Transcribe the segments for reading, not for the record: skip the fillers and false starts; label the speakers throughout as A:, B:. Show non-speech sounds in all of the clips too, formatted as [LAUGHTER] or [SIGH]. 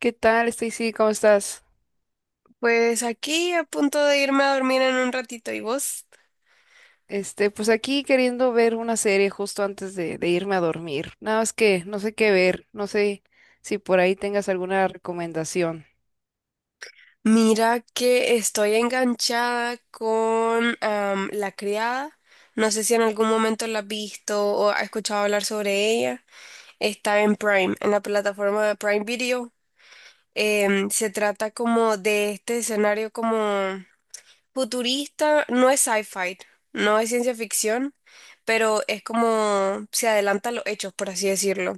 A: ¿Qué tal, Stacy? ¿Cómo estás?
B: Pues aquí a punto de irme a dormir en un ratito, ¿y vos?
A: Este, pues aquí queriendo ver una serie justo antes de irme a dormir. Nada más que no sé qué ver, no sé si por ahí tengas alguna recomendación.
B: Mira que estoy enganchada con La Criada. No sé si en algún momento la has visto o has escuchado hablar sobre ella. Está en Prime, en la plataforma de Prime Video. Se trata como de este escenario como futurista. No es sci-fi, no es ciencia ficción, pero es como se adelanta a los hechos, por así decirlo,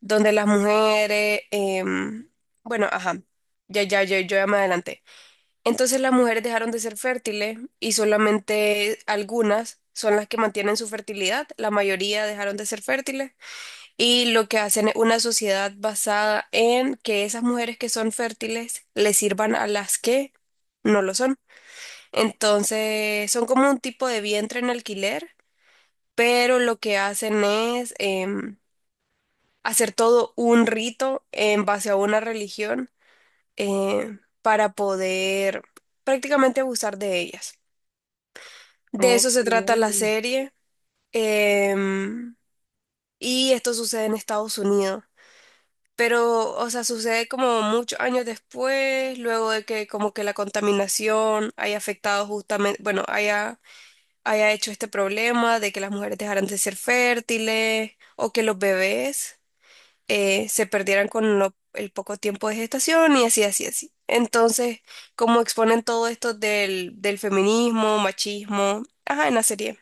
B: donde las mujeres, bueno, ajá, ya, ya, yo ya me adelanté. Entonces las mujeres dejaron de ser fértiles y solamente algunas son las que mantienen su fertilidad, la mayoría dejaron de ser fértiles, y lo que hacen es una sociedad basada en que esas mujeres que son fértiles le sirvan a las que no lo son. Entonces, son como un tipo de vientre en alquiler, pero lo que hacen es em, hacer todo un rito en base a una religión para poder prácticamente abusar de ellas. De eso se
A: Okay,
B: trata la serie, em, y esto sucede en Estados Unidos. Pero, o sea, sucede como muchos años después, luego de que como que la contaminación haya afectado justamente, bueno, haya hecho este problema de que las mujeres dejaran de ser fértiles o que los bebés, se perdieran con lo- el poco tiempo de gestación y así, así, así. Entonces, como exponen todo esto del, del feminismo, machismo, ajá, en la serie.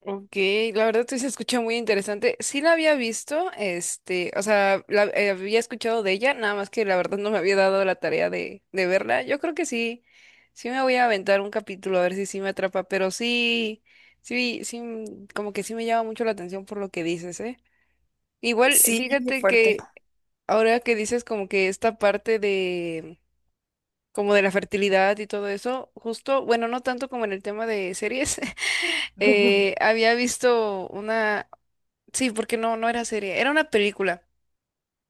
A: ok, la verdad sí se escucha muy interesante. Sí la había visto, este, o sea, la, había escuchado de ella, nada más que la verdad no me había dado la tarea de verla. Yo creo que sí, sí me voy a aventar un capítulo a ver si sí me atrapa, pero sí, sí, sí, como que sí me llama mucho la atención por lo que dices, ¿eh? Igual,
B: Sí, es
A: fíjate
B: fuerte.
A: que ahora que dices como que esta parte de como de la fertilidad y todo eso, justo, bueno, no tanto como en el tema de series, [LAUGHS]
B: [LAUGHS]
A: había visto una, sí, porque no era serie, era una película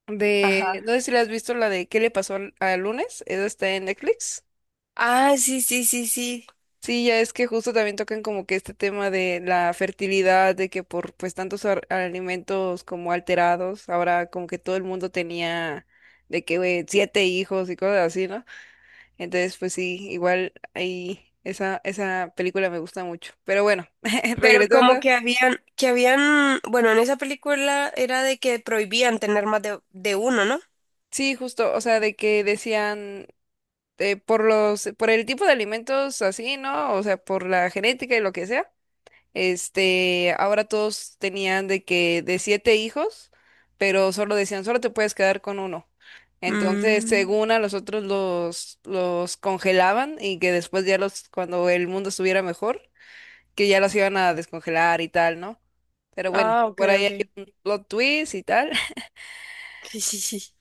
A: de, no
B: Ajá.
A: sé si la has visto, la de ¿Qué le pasó al, al lunes? Esa está en Netflix.
B: Ah, sí, sí, sí, sí.
A: Sí, ya es que justo también tocan como que este tema de la fertilidad, de que por pues tantos alimentos como alterados, ahora como que todo el mundo tenía de que güey, siete hijos y cosas así, ¿no? Entonces, pues sí, igual ahí esa, esa película me gusta mucho. Pero bueno, [LAUGHS]
B: Pero como
A: regresando.
B: que habían, bueno, en esa película era de que prohibían tener más de uno, ¿no?
A: Sí, justo, o sea, de que decían por los, por el tipo de alimentos así, ¿no? O sea, por la genética y lo que sea. Este, ahora todos tenían de que de siete hijos, pero solo decían, solo te puedes quedar con uno. Entonces,
B: Mm.
A: según a los otros los congelaban y que después ya los, cuando el mundo estuviera mejor, que ya los iban a descongelar y tal, ¿no? Pero bueno,
B: Ah, ok,
A: por ahí
B: ok.
A: hay un plot twist y tal. [LAUGHS]
B: [LAUGHS]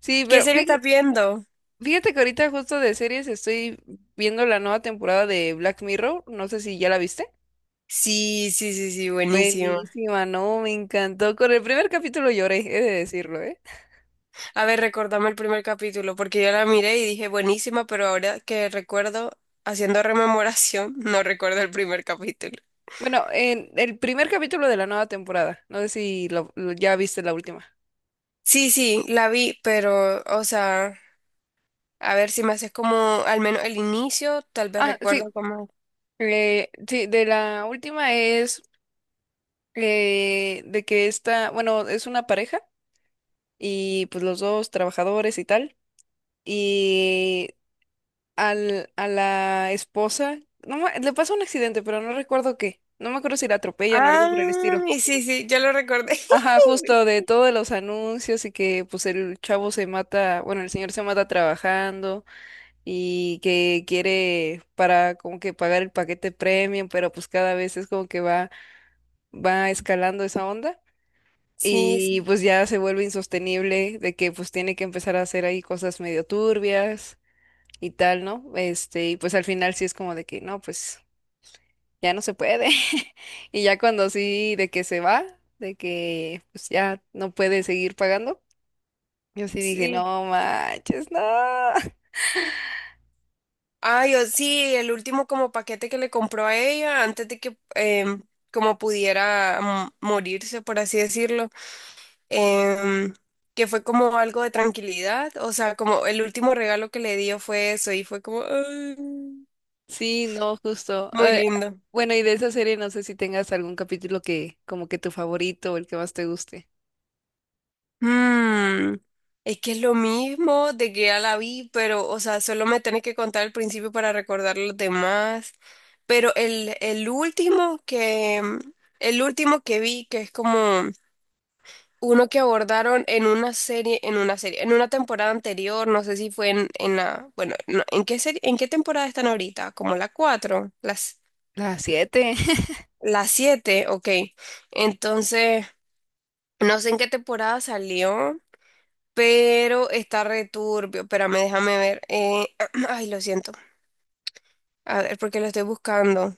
A: Sí,
B: ¿Qué
A: pero
B: serie
A: fíjate,
B: estás viendo?
A: fíjate que ahorita justo de series estoy viendo la nueva temporada de Black Mirror, no sé si ya la viste.
B: Sí, sí, sí, sí, buenísimo.
A: Buenísima, no, me encantó. Con el primer capítulo lloré, he de decirlo, ¿eh?
B: A ver, recordame el primer capítulo, porque yo la miré y dije buenísima, pero ahora que recuerdo, haciendo rememoración, [LAUGHS] no recuerdo el primer capítulo.
A: Bueno, en el primer capítulo de la nueva temporada, no sé si ya viste la última.
B: Sí, sí, la vi, pero, o sea, a ver si me haces como al menos el inicio, tal vez
A: Ah, sí,
B: recuerdo como...
A: sí, de la última es de que esta, bueno, es una pareja y pues los dos trabajadores y tal, y al, a la esposa, no, le pasa un accidente, pero no recuerdo qué, no me acuerdo si la atropellan o algo por el
B: Ah,
A: estilo.
B: y sí, sí, yo lo recordé.
A: Ajá, justo
B: [LAUGHS]
A: de todos los anuncios y que pues el chavo se mata, bueno, el señor se mata trabajando y que quiere para como que pagar el paquete premium, pero pues cada vez es como que va, va escalando esa onda
B: Sí,
A: y
B: sí,
A: pues ya se vuelve insostenible de que pues tiene que empezar a hacer ahí cosas medio turbias y tal, ¿no? Este, y pues al final sí es como de que no, pues ya no se puede. [LAUGHS] Y ya cuando sí de que se va, de que pues ya no puede seguir pagando. Yo sí dije,
B: sí.
A: no manches, no. [LAUGHS]
B: Ay, o sí, el último como paquete que le compró a ella antes de que como pudiera, morirse, por así decirlo, em, que fue como algo de tranquilidad, o sea, como el último regalo que le dio fue eso y fue como ay,
A: Sí, no, justo.
B: muy lindo.
A: Bueno, y de esa serie no sé si tengas algún capítulo que como que tu favorito o el que más te guste.
B: Mm, es que es lo mismo de que ya la vi, pero, o sea, solo me tenés que contar el principio para recordar los demás, pero el último que vi, que es como... Uno que abordaron en una serie, en una temporada anterior, no sé si fue en la, bueno, no, ¿en qué serie, en qué temporada están ahorita? Como la 4, las,
A: La siete. [LAUGHS]
B: ¿la 7? Ok. Entonces, no sé en qué temporada salió, pero está returbio. Espérame, déjame ver. [CLEARS THROAT] Ay, lo siento. A ver, porque lo estoy buscando.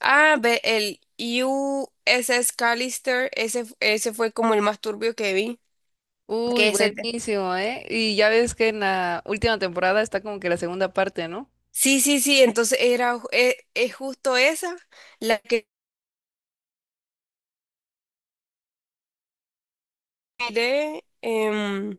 B: Ah, ve, el USS Callister, ese fue como el más turbio que vi.
A: Uy,
B: Que ese
A: buenísimo, ¿eh? Y ya ves que en la última temporada está como que la segunda parte, ¿no?
B: sí, sí, sí, entonces es justo esa la que miré.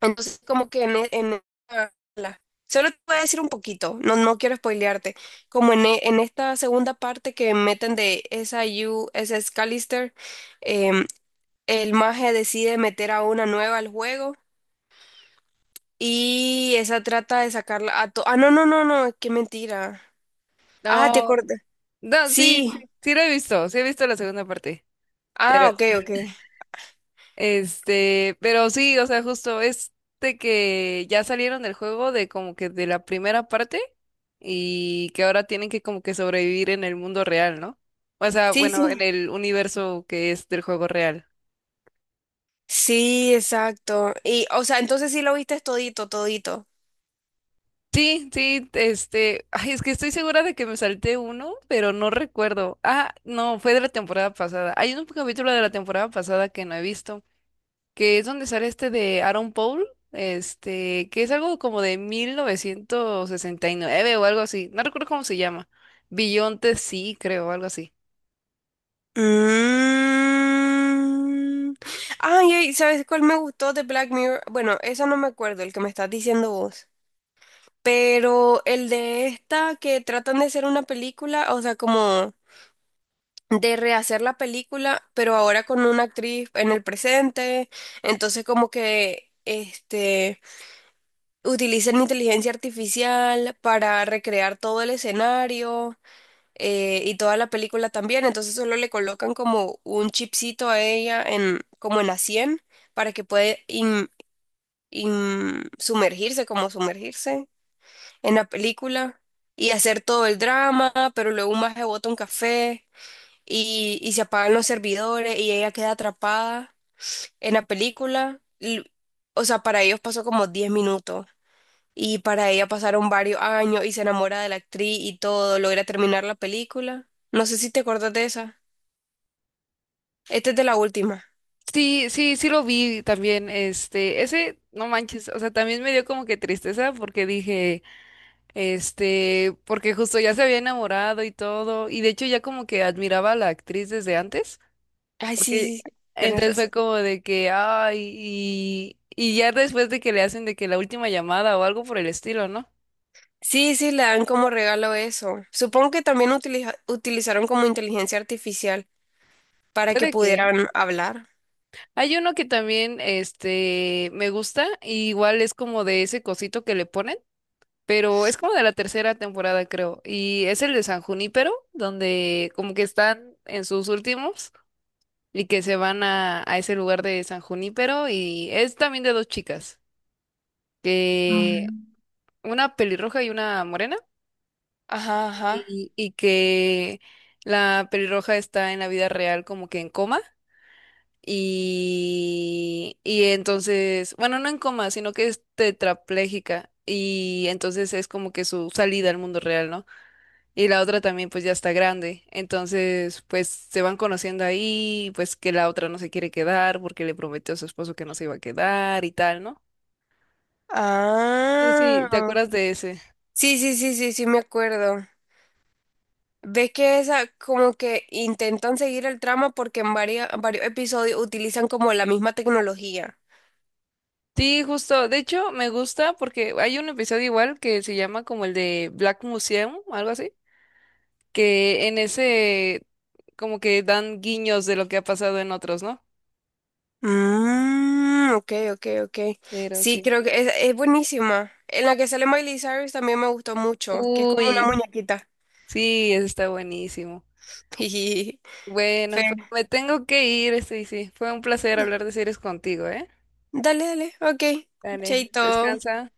B: Entonces, como que en esta solo te voy a decir un poquito. No, no quiero spoilearte. Como en esta segunda parte que meten de SIU, SS Callister, em, el mago decide meter a una nueva al juego y esa trata de ah, no, no, no, no, qué mentira. Ah, te
A: No,
B: acordé.
A: no, sí, sí,
B: Sí,
A: sí lo he visto, sí he visto la segunda parte.
B: ah, ok, ok.
A: Este, pero sí, o sea, justo es de que ya salieron del juego de como que de la primera parte y que ahora tienen que como que sobrevivir en el mundo real, ¿no? O sea,
B: Sí, sí.
A: bueno, en el universo que es del juego real.
B: Sí, exacto. Y, o sea, entonces sí lo viste todito, todito.
A: Sí, sí, este, ay, es que estoy segura de que me salté uno, pero no recuerdo. Ah, no, fue de la temporada pasada. Hay un capítulo de la temporada pasada que no he visto, que es donde sale este de Aaron Paul, este, que es algo como de 1969 o algo así, no recuerdo cómo se llama. Billonte sí, creo, algo así.
B: Mm. Ay, ay, ¿sabes cuál me gustó de Black Mirror? Bueno, eso no me acuerdo, el que me estás diciendo vos. Pero el de esta que tratan de hacer una película, o sea, como de rehacer la película, pero ahora con una actriz en el presente. Entonces, como que este utilizan inteligencia artificial para recrear todo el escenario. Y toda la película también, entonces solo le colocan como un chipcito a ella en, como en la sien para que pueda sumergirse, como sumergirse en la película y hacer todo el drama, pero luego un maje bota un café y se apagan los servidores y ella queda atrapada en la película. O sea, para ellos pasó como 10 minutos. Y para ella pasaron varios años y se enamora de la actriz y todo, logra terminar la película. No sé si te acuerdas de esa. Este es de la última.
A: Sí, sí, sí lo vi también, este, ese, no manches, o sea, también me dio como que tristeza porque dije, este, porque justo ya se había enamorado y todo, y de hecho ya como que admiraba a la actriz desde antes.
B: Ay, sí,
A: Porque
B: sí, sí, tienes
A: entonces fue
B: razón.
A: como de que, ay, y ya después de que le hacen de que la última llamada o algo por el estilo, ¿no?
B: Sí, sí, le dan como regalo eso. Supongo que también utilizaron como inteligencia artificial para que
A: Puede que. ¿Eh?
B: pudieran hablar.
A: Hay uno que también, este, me gusta, y igual es como de ese cosito que le ponen, pero es como de la tercera temporada, creo, y es el de San Junípero, donde como que están en sus últimos y que se van a ese lugar de San Junípero, y es también de dos chicas, que una pelirroja y una morena.
B: Ajá, ajá.
A: Y que la pelirroja está en la vida real como que en coma y entonces, bueno, no en coma, sino que es tetrapléjica y entonces es como que su salida al mundo real, ¿no? Y la otra también pues ya está grande, entonces pues se van conociendo ahí, pues que la otra no se quiere quedar porque le prometió a su esposo que no se iba a quedar y tal, ¿no? No sé si te
B: Ah.
A: acuerdas de ese.
B: Sí, sí, sí, sí, sí, me acuerdo. Ves que esa como que intentan seguir el trama porque en varios, varios episodios utilizan como la misma tecnología.
A: Sí, justo. De hecho, me gusta porque hay un episodio igual que se llama como el de Black Museum, algo así, que en ese como que dan guiños de lo que ha pasado en otros, ¿no?
B: Mm, ok, ok, ok.
A: Pero
B: Sí,
A: sí.
B: creo que es buenísima. En la que sale Miley Cyrus también me gustó mucho, que es como una
A: Uy,
B: muñequita.
A: sí, eso está buenísimo.
B: [LAUGHS]
A: Bueno,
B: Fe.
A: pues me tengo que ir, sí, sí. Fue un placer hablar de series contigo, ¿eh?
B: Dale, dale, ok.
A: Dale,
B: Chaito.
A: descansa.